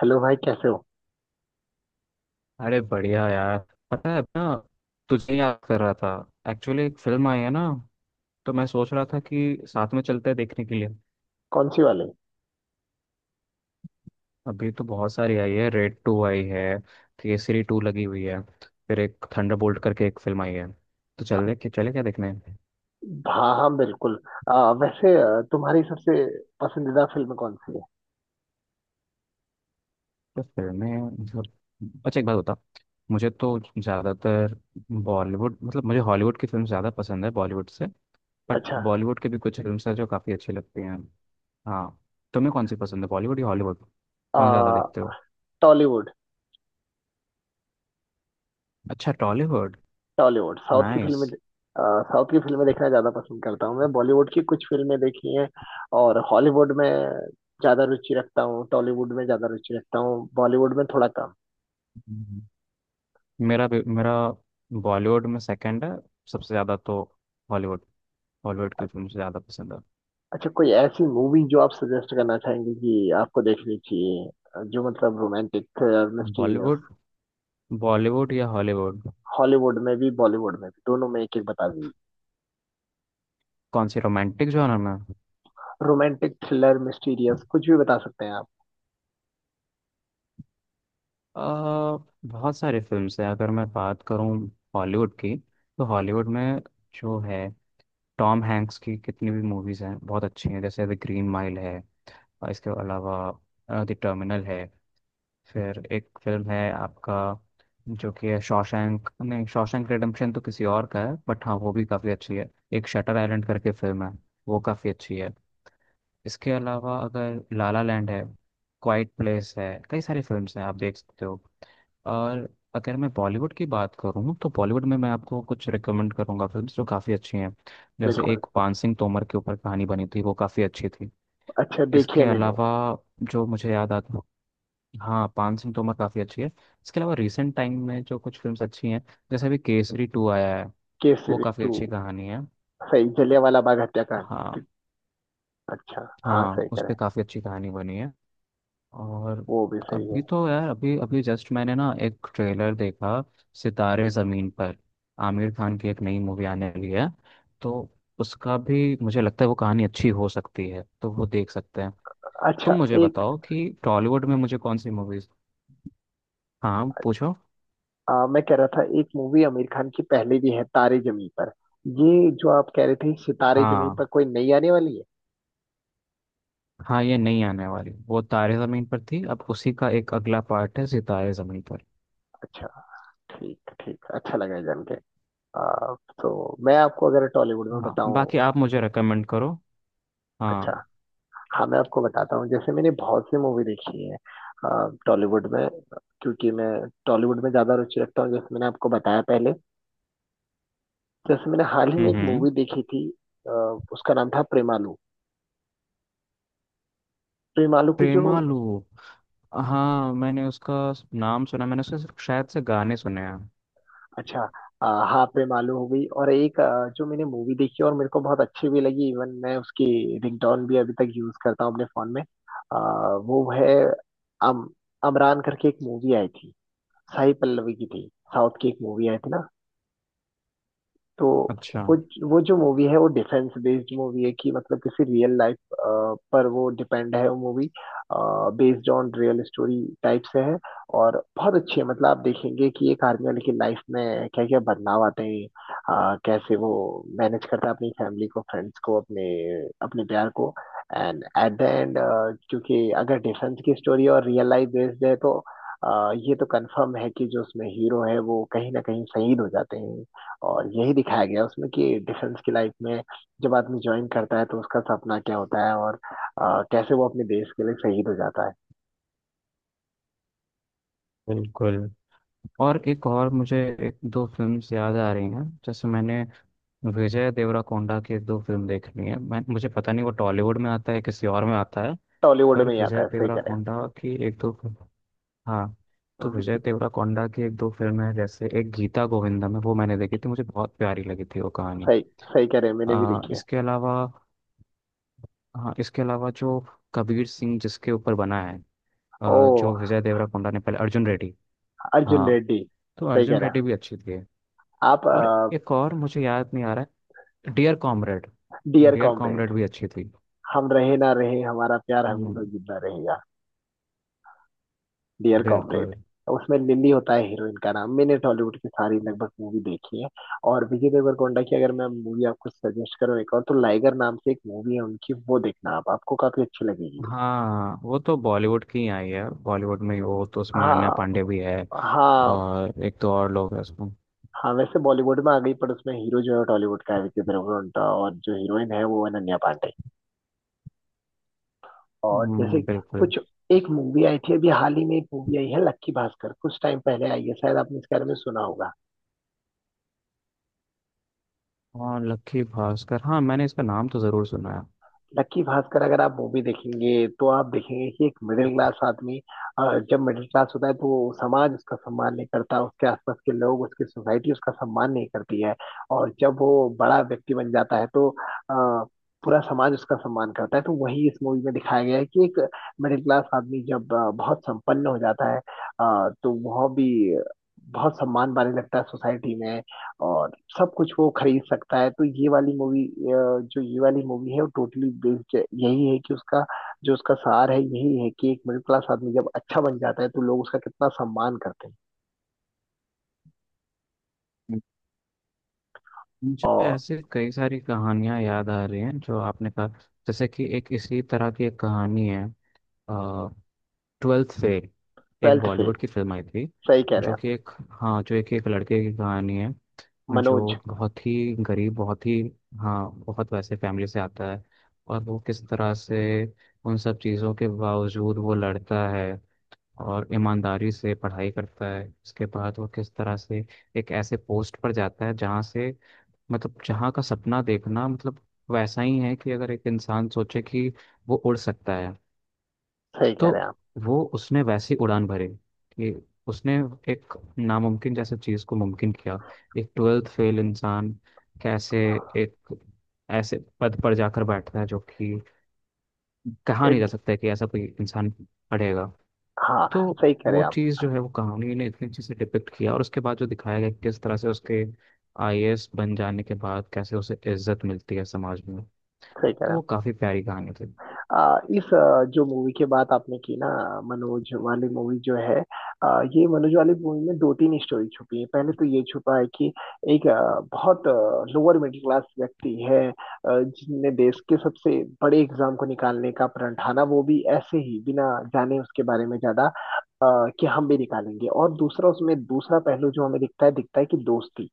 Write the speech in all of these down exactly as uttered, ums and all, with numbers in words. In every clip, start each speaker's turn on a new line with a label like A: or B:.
A: Hello भाई, कैसे हो?
B: अरे बढ़िया यार। पता है ना, तुझे याद कर रहा था। एक्चुअली एक फिल्म आई है ना, तो मैं सोच रहा था कि साथ में चलते हैं देखने के लिए।
A: कौन सी वाली?
B: अभी तो बहुत सारी आई है, रेड टू आई है, केसरी टू लगी हुई है, फिर एक थंडरबोल्ट करके एक फिल्म आई है। तो चले कि चले क्या देखने।
A: हाँ, हाँ, बिल्कुल। आ, वैसे आ, तुम्हारी सबसे पसंदीदा फिल्म कौन सी है?
B: तो फिल्में, मतलब, अच्छा एक बात बता, मुझे तो ज़्यादातर बॉलीवुड, मतलब मुझे हॉलीवुड की फिल्म ज़्यादा पसंद है बॉलीवुड से। बट
A: अच्छा।
B: बॉलीवुड के भी कुछ फिल्म हैं जो काफ़ी अच्छी लगती हैं। हाँ, तुम्हें कौन सी पसंद है, बॉलीवुड या हॉलीवुड? कौन ज़्यादा
A: आ,
B: देखते हो?
A: टॉलीवुड।
B: अच्छा, टॉलीवुड।
A: टॉलीवुड, साउथ की
B: नाइस।
A: फिल्में आ, साउथ की फिल्में देखना ज़्यादा पसंद करता हूँ। मैं बॉलीवुड की कुछ फिल्में देखी हैं। और हॉलीवुड में ज़्यादा रुचि रखता हूँ टॉलीवुड में ज़्यादा रुचि रखता हूँ, बॉलीवुड में थोड़ा कम।
B: हम्म। मेरा भी- मेरा बॉलीवुड में सेकंड है। सबसे ज़्यादा तो हॉलीवुड, हॉलीवुड की फिल्म ज़्यादा पसंद है।
A: अच्छा, कोई ऐसी मूवी जो आप सजेस्ट करना चाहेंगे कि आपको देखनी चाहिए, जो मतलब रोमांटिक,
B: बॉलीवुड,
A: मिस्टीरियस।
B: बॉलीवुड या हॉलीवुड?
A: हॉलीवुड में भी, बॉलीवुड में भी, दोनों में एक एक बता दीजिए।
B: कौन सी, रोमांटिक जॉनर में?
A: रोमांटिक, थ्रिलर, मिस्टीरियस, कुछ भी बता सकते हैं आप।
B: आ, बहुत सारी फिल्म्स हैं। अगर मैं बात करूँ हॉलीवुड की, तो हॉलीवुड में जो है, टॉम हैंक्स की कितनी भी मूवीज़ हैं बहुत अच्छी हैं। जैसे द ग्रीन माइल है, और इसके अलावा द टर्मिनल है, फिर एक फिल्म है आपका, जो कि है शॉशैंक, नहीं शॉशैंक रिडेम्पशन तो किसी और का है, बट हाँ वो भी काफ़ी अच्छी है। एक शटर आइलैंड करके फिल्म है, वो काफ़ी अच्छी है। इसके अलावा अगर लाला लैंड है, क्वाइट प्लेस है, कई सारी फिल्म्स हैं आप देख सकते हो। और अगर मैं बॉलीवुड की बात करूँ, तो बॉलीवुड में मैं आपको कुछ रिकमेंड करूँगा फिल्म्स जो काफ़ी अच्छी हैं। जैसे
A: बिल्कुल।
B: एक पान सिंह तोमर के ऊपर कहानी बनी थी, वो काफ़ी अच्छी थी।
A: अच्छा, देखिए,
B: इसके
A: मैंने।
B: अलावा जो मुझे याद आता, हाँ पान सिंह तोमर काफ़ी अच्छी है। इसके अलावा रिसेंट टाइम में जो कुछ फिल्म्स अच्छी हैं, जैसे अभी केसरी टू आया है, वो
A: केसरी
B: काफ़ी
A: टू।
B: अच्छी कहानी है।
A: सही, जलियांवाला बाग हत्याकांड।
B: हाँ।
A: अच्छा। हाँ,
B: हाँ,
A: सही कह
B: उस
A: रहे
B: पर
A: हैं।
B: काफ़ी अच्छी कहानी बनी है। और
A: वो भी सही
B: अभी
A: है।
B: तो यार, अभी अभी जस्ट मैंने ना एक ट्रेलर देखा, सितारे ज़मीन पर, आमिर खान की एक नई मूवी आने वाली है। तो उसका भी मुझे लगता है वो कहानी अच्छी हो सकती है, तो वो देख सकते हैं। तुम
A: अच्छा,
B: मुझे
A: एक
B: बताओ कि टॉलीवुड में मुझे कौन सी मूवीज़। हाँ पूछो।
A: आ, मैं कह रहा था एक मूवी आमिर खान की पहले भी है, तारे जमी पर। ये जो आप कह रहे थे सितारे जमी
B: हाँ,
A: पर, कोई नई आने वाली है?
B: हाँ ये नहीं आने वाली, वो तारे ज़मीन पर थी, अब उसी का एक अगला पार्ट है सितारे ज़मीन पर।
A: अच्छा। ठीक ठीक, अच्छा लगा जान के। आ, तो मैं आपको अगर टॉलीवुड में
B: हाँ,
A: बताऊं।
B: बाकी आप मुझे रेकमेंड करो।
A: अच्छा।
B: हाँ।
A: हाँ, मैं आपको बताता हूँ। जैसे मैंने बहुत सी मूवी देखी है टॉलीवुड में, क्योंकि मैं टॉलीवुड में ज्यादा रुचि रखता हूँ, जैसे मैंने आपको बताया पहले। जैसे मैंने हाल ही में
B: हम्म,
A: एक मूवी
B: हम्म।
A: देखी थी। अ, उसका नाम था प्रेमालू। प्रेमालू की जो।
B: प्रेमालू, हाँ मैंने उसका नाम सुना। मैंने उसके सिर्फ शायद से गाने सुने हैं।
A: अच्छा। अ, हाँ, प्रेमालू हो गई। और एक, अ, जो मैंने मूवी देखी और मेरे को बहुत अच्छी भी लगी, इवन मैं उसकी रिंगटोन भी अभी तक यूज करता हूँ अपने फोन में। अ, वो है, अम अमरान करके एक मूवी आई थी। साई पल्लवी की थी। साउथ की एक मूवी आई थी ना। तो
B: अच्छा।
A: वो, वो जो मूवी है वो डिफेंस बेस्ड मूवी है कि मतलब किसी रियल लाइफ पर वो डिपेंड है वो movie, based on real story type से है। और बहुत अच्छी है। मतलब आप देखेंगे कि एक आर्मी वाले की लाइफ में क्या क्या बदलाव आते हैं, अ, कैसे वो मैनेज करता है अपनी फैमिली को, फ्रेंड्स को, अपने अपने प्यार को। एंड एट द एंड, क्योंकि अगर डिफेंस की स्टोरी और रियल लाइफ बेस्ड है तो अ, ये तो कंफर्म है कि जो उसमें हीरो है वो कहीं ना कहीं शहीद हो जाते हैं। और यही दिखाया गया उसमें कि डिफेंस की लाइफ में जब आदमी ज्वाइन करता है तो उसका सपना क्या होता है, और अ, कैसे वो अपने देश के लिए शहीद हो जाता है।
B: बिल्कुल। और एक और मुझे एक दो फिल्म्स याद आ रही हैं, जैसे मैंने विजय देवराकोंडा की दो फिल्म देख ली है। मैं मुझे पता नहीं वो टॉलीवुड में आता है किसी और में आता है।
A: टॉलीवुड
B: पर
A: में ही आता
B: विजय
A: है, सही कह रहे हैं।
B: देवराकोंडा की एक दो, हाँ, तो विजय
A: हम्म।
B: देवराकोंडा की एक दो फिल्में हैं, जैसे एक गीता गोविंदम है, वो मैंने देखी थी, मुझे बहुत प्यारी लगी थी वो कहानी।
A: सही, सही कह रहे हैं, मैंने भी
B: आ,
A: देखी है।
B: इसके अलावा, हाँ इसके अलावा जो कबीर सिंह जिसके ऊपर बना है,
A: ओ,
B: आ, जो विजय देवराकोंडा ने पहले अर्जुन रेड्डी,
A: अर्जुन
B: हाँ
A: रेड्डी।
B: तो
A: सही कह
B: अर्जुन
A: रहे हैं
B: रेड्डी भी अच्छी थी।
A: आप।
B: और एक और मुझे याद नहीं आ रहा है, dear comrade.
A: Dear
B: dear
A: comrade.
B: Comrade भी अच्छी थी।
A: हम रहे ना रहे, हमारा प्यार हमेशा
B: हम्म,
A: जिंदा रहेगा। Dear comrade.
B: बिल्कुल।
A: उसमें लिली होता है हीरोइन का नाम। मैंने टॉलीवुड की सारी लगभग मूवी देखी है। और विजय देवरकोंडा की अगर मैं मूवी आपको सजेस्ट करूँ एक और, तो लाइगर नाम से एक मूवी है उनकी, वो देखना आप, आपको काफी अच्छी लगेगी।
B: हाँ वो तो बॉलीवुड की ही आई है, बॉलीवुड में ही, वो तो उसमें अनन्या
A: हाँ,
B: पांडे भी है,
A: हाँ।
B: और एक दो और लोग हैं उसमें।
A: हाँ, वैसे बॉलीवुड में आ गई पर उसमें हीरो जो है टॉलीवुड का है, विजय देवरकोंडा, और जो हीरोइन है वो है अनन्या पांडे। और जैसे
B: हम्म, बिल्कुल।
A: कुछ, एक मूवी आई थी अभी हाल ही में एक मूवी आई है लक्की भास्कर, कुछ टाइम पहले आई है, शायद आपने इसके बारे में सुना होगा।
B: हाँ लक्की भास्कर, हाँ मैंने इसका नाम तो ज़रूर सुना है।
A: लक्की भास्कर अगर आप मूवी देखेंगे तो आप देखेंगे कि एक मिडिल क्लास आदमी, अ, जब मिडिल क्लास होता है तो समाज उसका सम्मान नहीं करता, उसके आसपास के लोग, उसकी सोसाइटी उसका सम्मान नहीं करती है। और जब वो बड़ा व्यक्ति बन जाता है तो अ, पूरा समाज उसका सम्मान करता है। तो वही इस मूवी में दिखाया गया है कि एक मिडिल क्लास आदमी जब अ, बहुत संपन्न हो जाता है, अ, तो वह भी बहुत सम्मान पाने लगता है सोसाइटी में। और सब कुछ वो खरीद सकता है। तो ये वाली मूवी जो ये वाली मूवी है वो टोटली बेस्ड यही है कि उसका, जो उसका सार है यही है कि एक मिडिल क्लास आदमी जब अच्छा बन जाता है तो लोग उसका कितना सम्मान करते हैं।
B: मुझे
A: और,
B: ऐसे कई सारी कहानियाँ याद आ रही हैं जो आपने कहा, जैसे कि एक इसी तरह की एक कहानी है, ट्वेल्थ फेल, एक
A: ट्वेल्थ फेल।
B: बॉलीवुड की फिल्म आई थी,
A: सही कह रहे हैं
B: जो
A: आप।
B: कि एक, हाँ जो एक एक लड़के की कहानी है। जो
A: मनोज।
B: बहुत ही गरीब, बहुत ही, हाँ बहुत वैसे फैमिली से आता है, और वो किस तरह से उन सब चीज़ों के बावजूद वो लड़ता है और ईमानदारी से पढ़ाई करता है। उसके बाद वो किस तरह से एक ऐसे पोस्ट पर जाता है जहाँ से, मतलब जहाँ का सपना देखना, मतलब वैसा ही है कि अगर एक इंसान सोचे कि वो उड़ सकता है,
A: सही कह
B: तो
A: रहे हैं आप।
B: वो, उसने वैसी उड़ान भरी कि उसने एक नामुमकिन जैसे चीज़ को मुमकिन किया। एक ट्वेल्थ फेल इंसान कैसे एक ऐसे पद पर जाकर बैठता है जो कि कहा नहीं जा
A: एड।
B: सकता है कि ऐसा कोई इंसान पढ़ेगा।
A: हाँ।
B: तो
A: सही कह रहे
B: वो
A: हैं आप।
B: चीज़ जो है, वो कहानी ने इतनी अच्छे से डिपिक्ट किया, और उसके बाद जो दिखाया गया कि किस तरह से उसके आईएएस बन जाने के बाद कैसे उसे इज्जत मिलती है समाज में।
A: सही कह रहे
B: तो
A: हैं
B: वो
A: आप।
B: काफ़ी प्यारी कहानी थी।
A: आ, इस आ, जो मूवी की बात आपने की ना, मनोज वाली मूवी जो है, आ, ये मनोज वाली मूवी में दो तीन स्टोरी छुपी है। पहले तो ये छुपा है कि एक आ, बहुत लोअर मिडिल क्लास व्यक्ति है, आ, जिसने देश के सबसे बड़े एग्जाम को निकालने का प्रण ठाना, वो भी ऐसे ही बिना जाने उसके बारे में ज्यादा, आ, कि हम भी निकालेंगे। और दूसरा, उसमें दूसरा पहलू जो हमें दिखता है, दिखता है कि दोस्ती,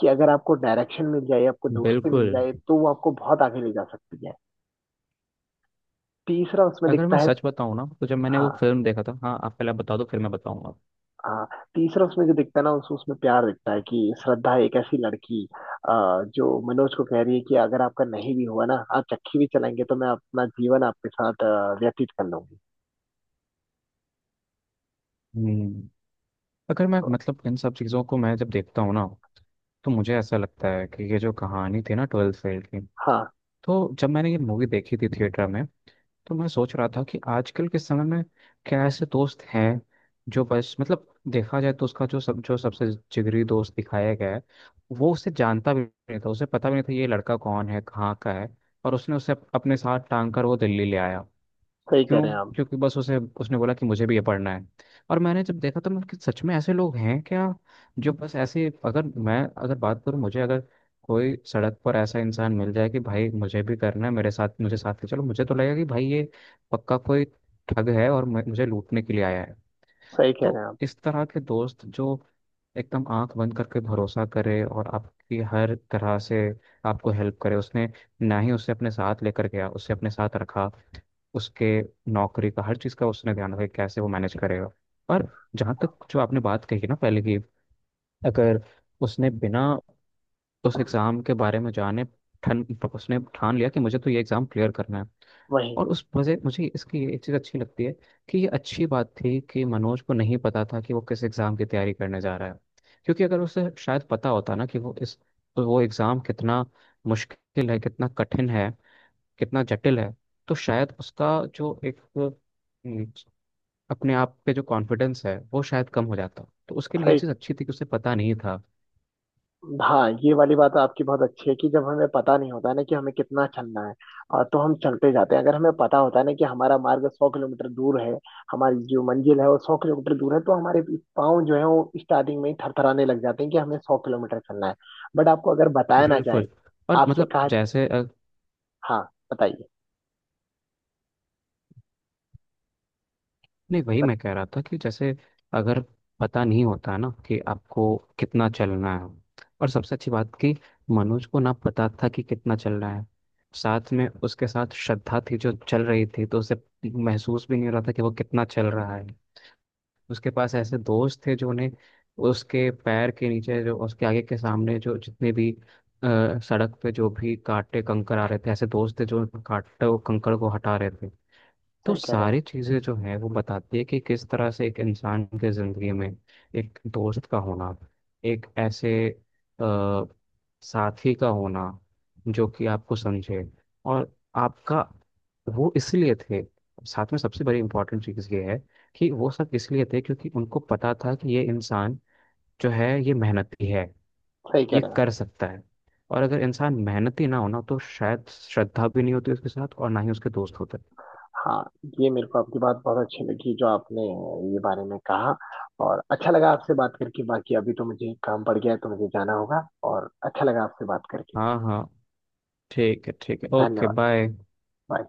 A: कि अगर आपको डायरेक्शन मिल जाए, आपको दोस्ती मिल
B: बिल्कुल।
A: जाए, तो वो आपको बहुत आगे ले जा सकती है। तीसरा उसमें
B: अगर
A: दिखता
B: मैं
A: है।
B: सच बताऊँ ना, तो जब मैंने वो
A: हाँ।
B: फिल्म देखा था, हाँ आप पहले बता दो फिर मैं बताऊंगा।
A: हाँ। तीसरा उसमें जो दिखता है ना, उस उसमें प्यार दिखता है कि श्रद्धा एक ऐसी लड़की, आ, जो मनोज को कह रही है कि अगर आपका नहीं भी हुआ ना, आप चक्की भी चलाएंगे तो मैं अपना जीवन आपके साथ अ, व्यतीत कर लूंगी।
B: हम्म। अगर मैं, मतलब इन सब चीज़ों को मैं जब देखता हूँ ना, तो मुझे ऐसा लगता है कि ये जो कहानी थी ना ट्वेल्थ फेल की,
A: हाँ,
B: तो जब मैंने ये मूवी देखी थी थिएटर में, तो मैं सोच रहा था कि आजकल के समय में क्या ऐसे दोस्त हैं जो बस, मतलब देखा जाए तो उसका जो सब, जो सबसे जिगरी दोस्त दिखाया गया है, वो उसे जानता भी नहीं था, उसे पता भी नहीं था ये लड़का कौन है, कहाँ का है। और उसने उसे अप- अपने साथ टांग कर वो दिल्ली ले आया।
A: सही कह
B: क्यों?
A: रहे हैं आप।
B: क्योंकि बस उसे उसने बोला कि मुझे भी ये पढ़ना है। और मैंने जब देखा तो मैं कि सच में ऐसे लोग हैं क्या जो बस ऐसे, अगर मैं, अगर बात करूँ, मुझे अगर कोई सड़क पर ऐसा इंसान मिल जाए कि भाई मुझे भी करना है, मेरे साथ, मुझे साथ ले चलो, मुझे तो लगेगा कि भाई ये पक्का कोई ठग है और मैं- मुझे लूटने के लिए आया है।
A: सही कह
B: तो
A: रहे हैं आप।
B: इस तरह के दोस्त जो एकदम आंख बंद करके भरोसा करे और आपकी हर तरह से आपको हेल्प करे, उसने ना ही उसे अपने साथ लेकर गया, उसे अपने साथ रखा, उसके नौकरी का हर चीज़ का उसने ध्यान रखा कि कैसे वो मैनेज करेगा। और जहाँ तक जो आपने बात कही ना पहले की, अगर, उसने बिना उस एग्ज़ाम के बारे में जाने, ठन, उसने ठान लिया कि मुझे तो ये एग्ज़ाम क्लियर करना है।
A: वही।
B: और उस वजह मुझे इसकी ये एक चीज़ अच्छी लगती है कि ये अच्छी बात थी कि मनोज को नहीं पता था कि वो किस एग्ज़ाम की तैयारी करने जा रहा है। क्योंकि अगर उसे शायद पता होता ना कि वो इस, वो एग्ज़ाम कितना मुश्किल है, कितना कठिन है, कितना जटिल है, तो शायद उसका जो एक हम्म, अपने आप पे जो कॉन्फिडेंस है वो शायद कम हो जाता। तो उसके लिए ये
A: सही।
B: चीज़ अच्छी थी कि उसे पता नहीं था।
A: हाँ, ये वाली बात आपकी बहुत अच्छी है कि जब हमें पता नहीं होता है ना कि हमें कितना चलना है और तो हम चलते जाते हैं। अगर हमें पता होता है ना कि हमारा मार्ग सौ किलोमीटर दूर है, हमारी जो मंजिल है वो सौ किलोमीटर दूर है, तो हमारे पाँव जो है वो स्टार्टिंग में ही थरथराने लग जाते हैं कि हमें सौ किलोमीटर चलना है। बट आपको अगर बताया ना जाए,
B: बिल्कुल। और
A: आपसे
B: मतलब
A: कहा।
B: जैसे अ,
A: हाँ। बताइए।
B: नहीं, वही
A: बत,
B: मैं कह रहा था कि जैसे अगर पता नहीं होता ना कि आपको कितना चलना है, और सबसे अच्छी बात कि मनोज को ना पता था कि कितना चलना है। साथ में उसके साथ श्रद्धा थी जो चल रही थी, तो उसे महसूस भी नहीं हो रहा था कि वो कितना चल रहा है। उसके पास ऐसे दोस्त थे जो उन्हें, उसके पैर के नीचे, जो उसके आगे के सामने, जो जितने भी अ, सड़क पे जो भी कांटे कंकर आ रहे थे, ऐसे दोस्त थे जो कांटे और कंकर को हटा रहे थे। तो
A: सही कह रहे हैं आप,
B: सारी चीज़ें जो है वो बताती है कि किस तरह से एक इंसान के ज़िंदगी में एक दोस्त का होना, एक ऐसे अ, साथी का होना जो कि आपको समझे, और आपका, वो इसलिए थे। साथ में सबसे बड़ी इम्पोर्टेंट चीज़ ये है कि वो सब इसलिए थे क्योंकि उनको पता था कि ये इंसान जो है ये मेहनती है,
A: सही कह
B: ये
A: रहे हैं आप।
B: कर सकता है। और अगर इंसान मेहनती ना होना तो शायद श्रद्धा भी नहीं होती उसके साथ और ना ही उसके दोस्त होते।
A: हाँ, ये मेरे को आपकी बात बहुत अच्छी लगी, जो आपने ये बारे में कहा। और अच्छा लगा आपसे बात करके। बाकी अभी तो मुझे काम पड़ गया है, तो मुझे जाना होगा। और अच्छा लगा आपसे बात करके।
B: हाँ, हाँ, ठीक है, ठीक है, ओके
A: धन्यवाद।
B: बाय।
A: बाय।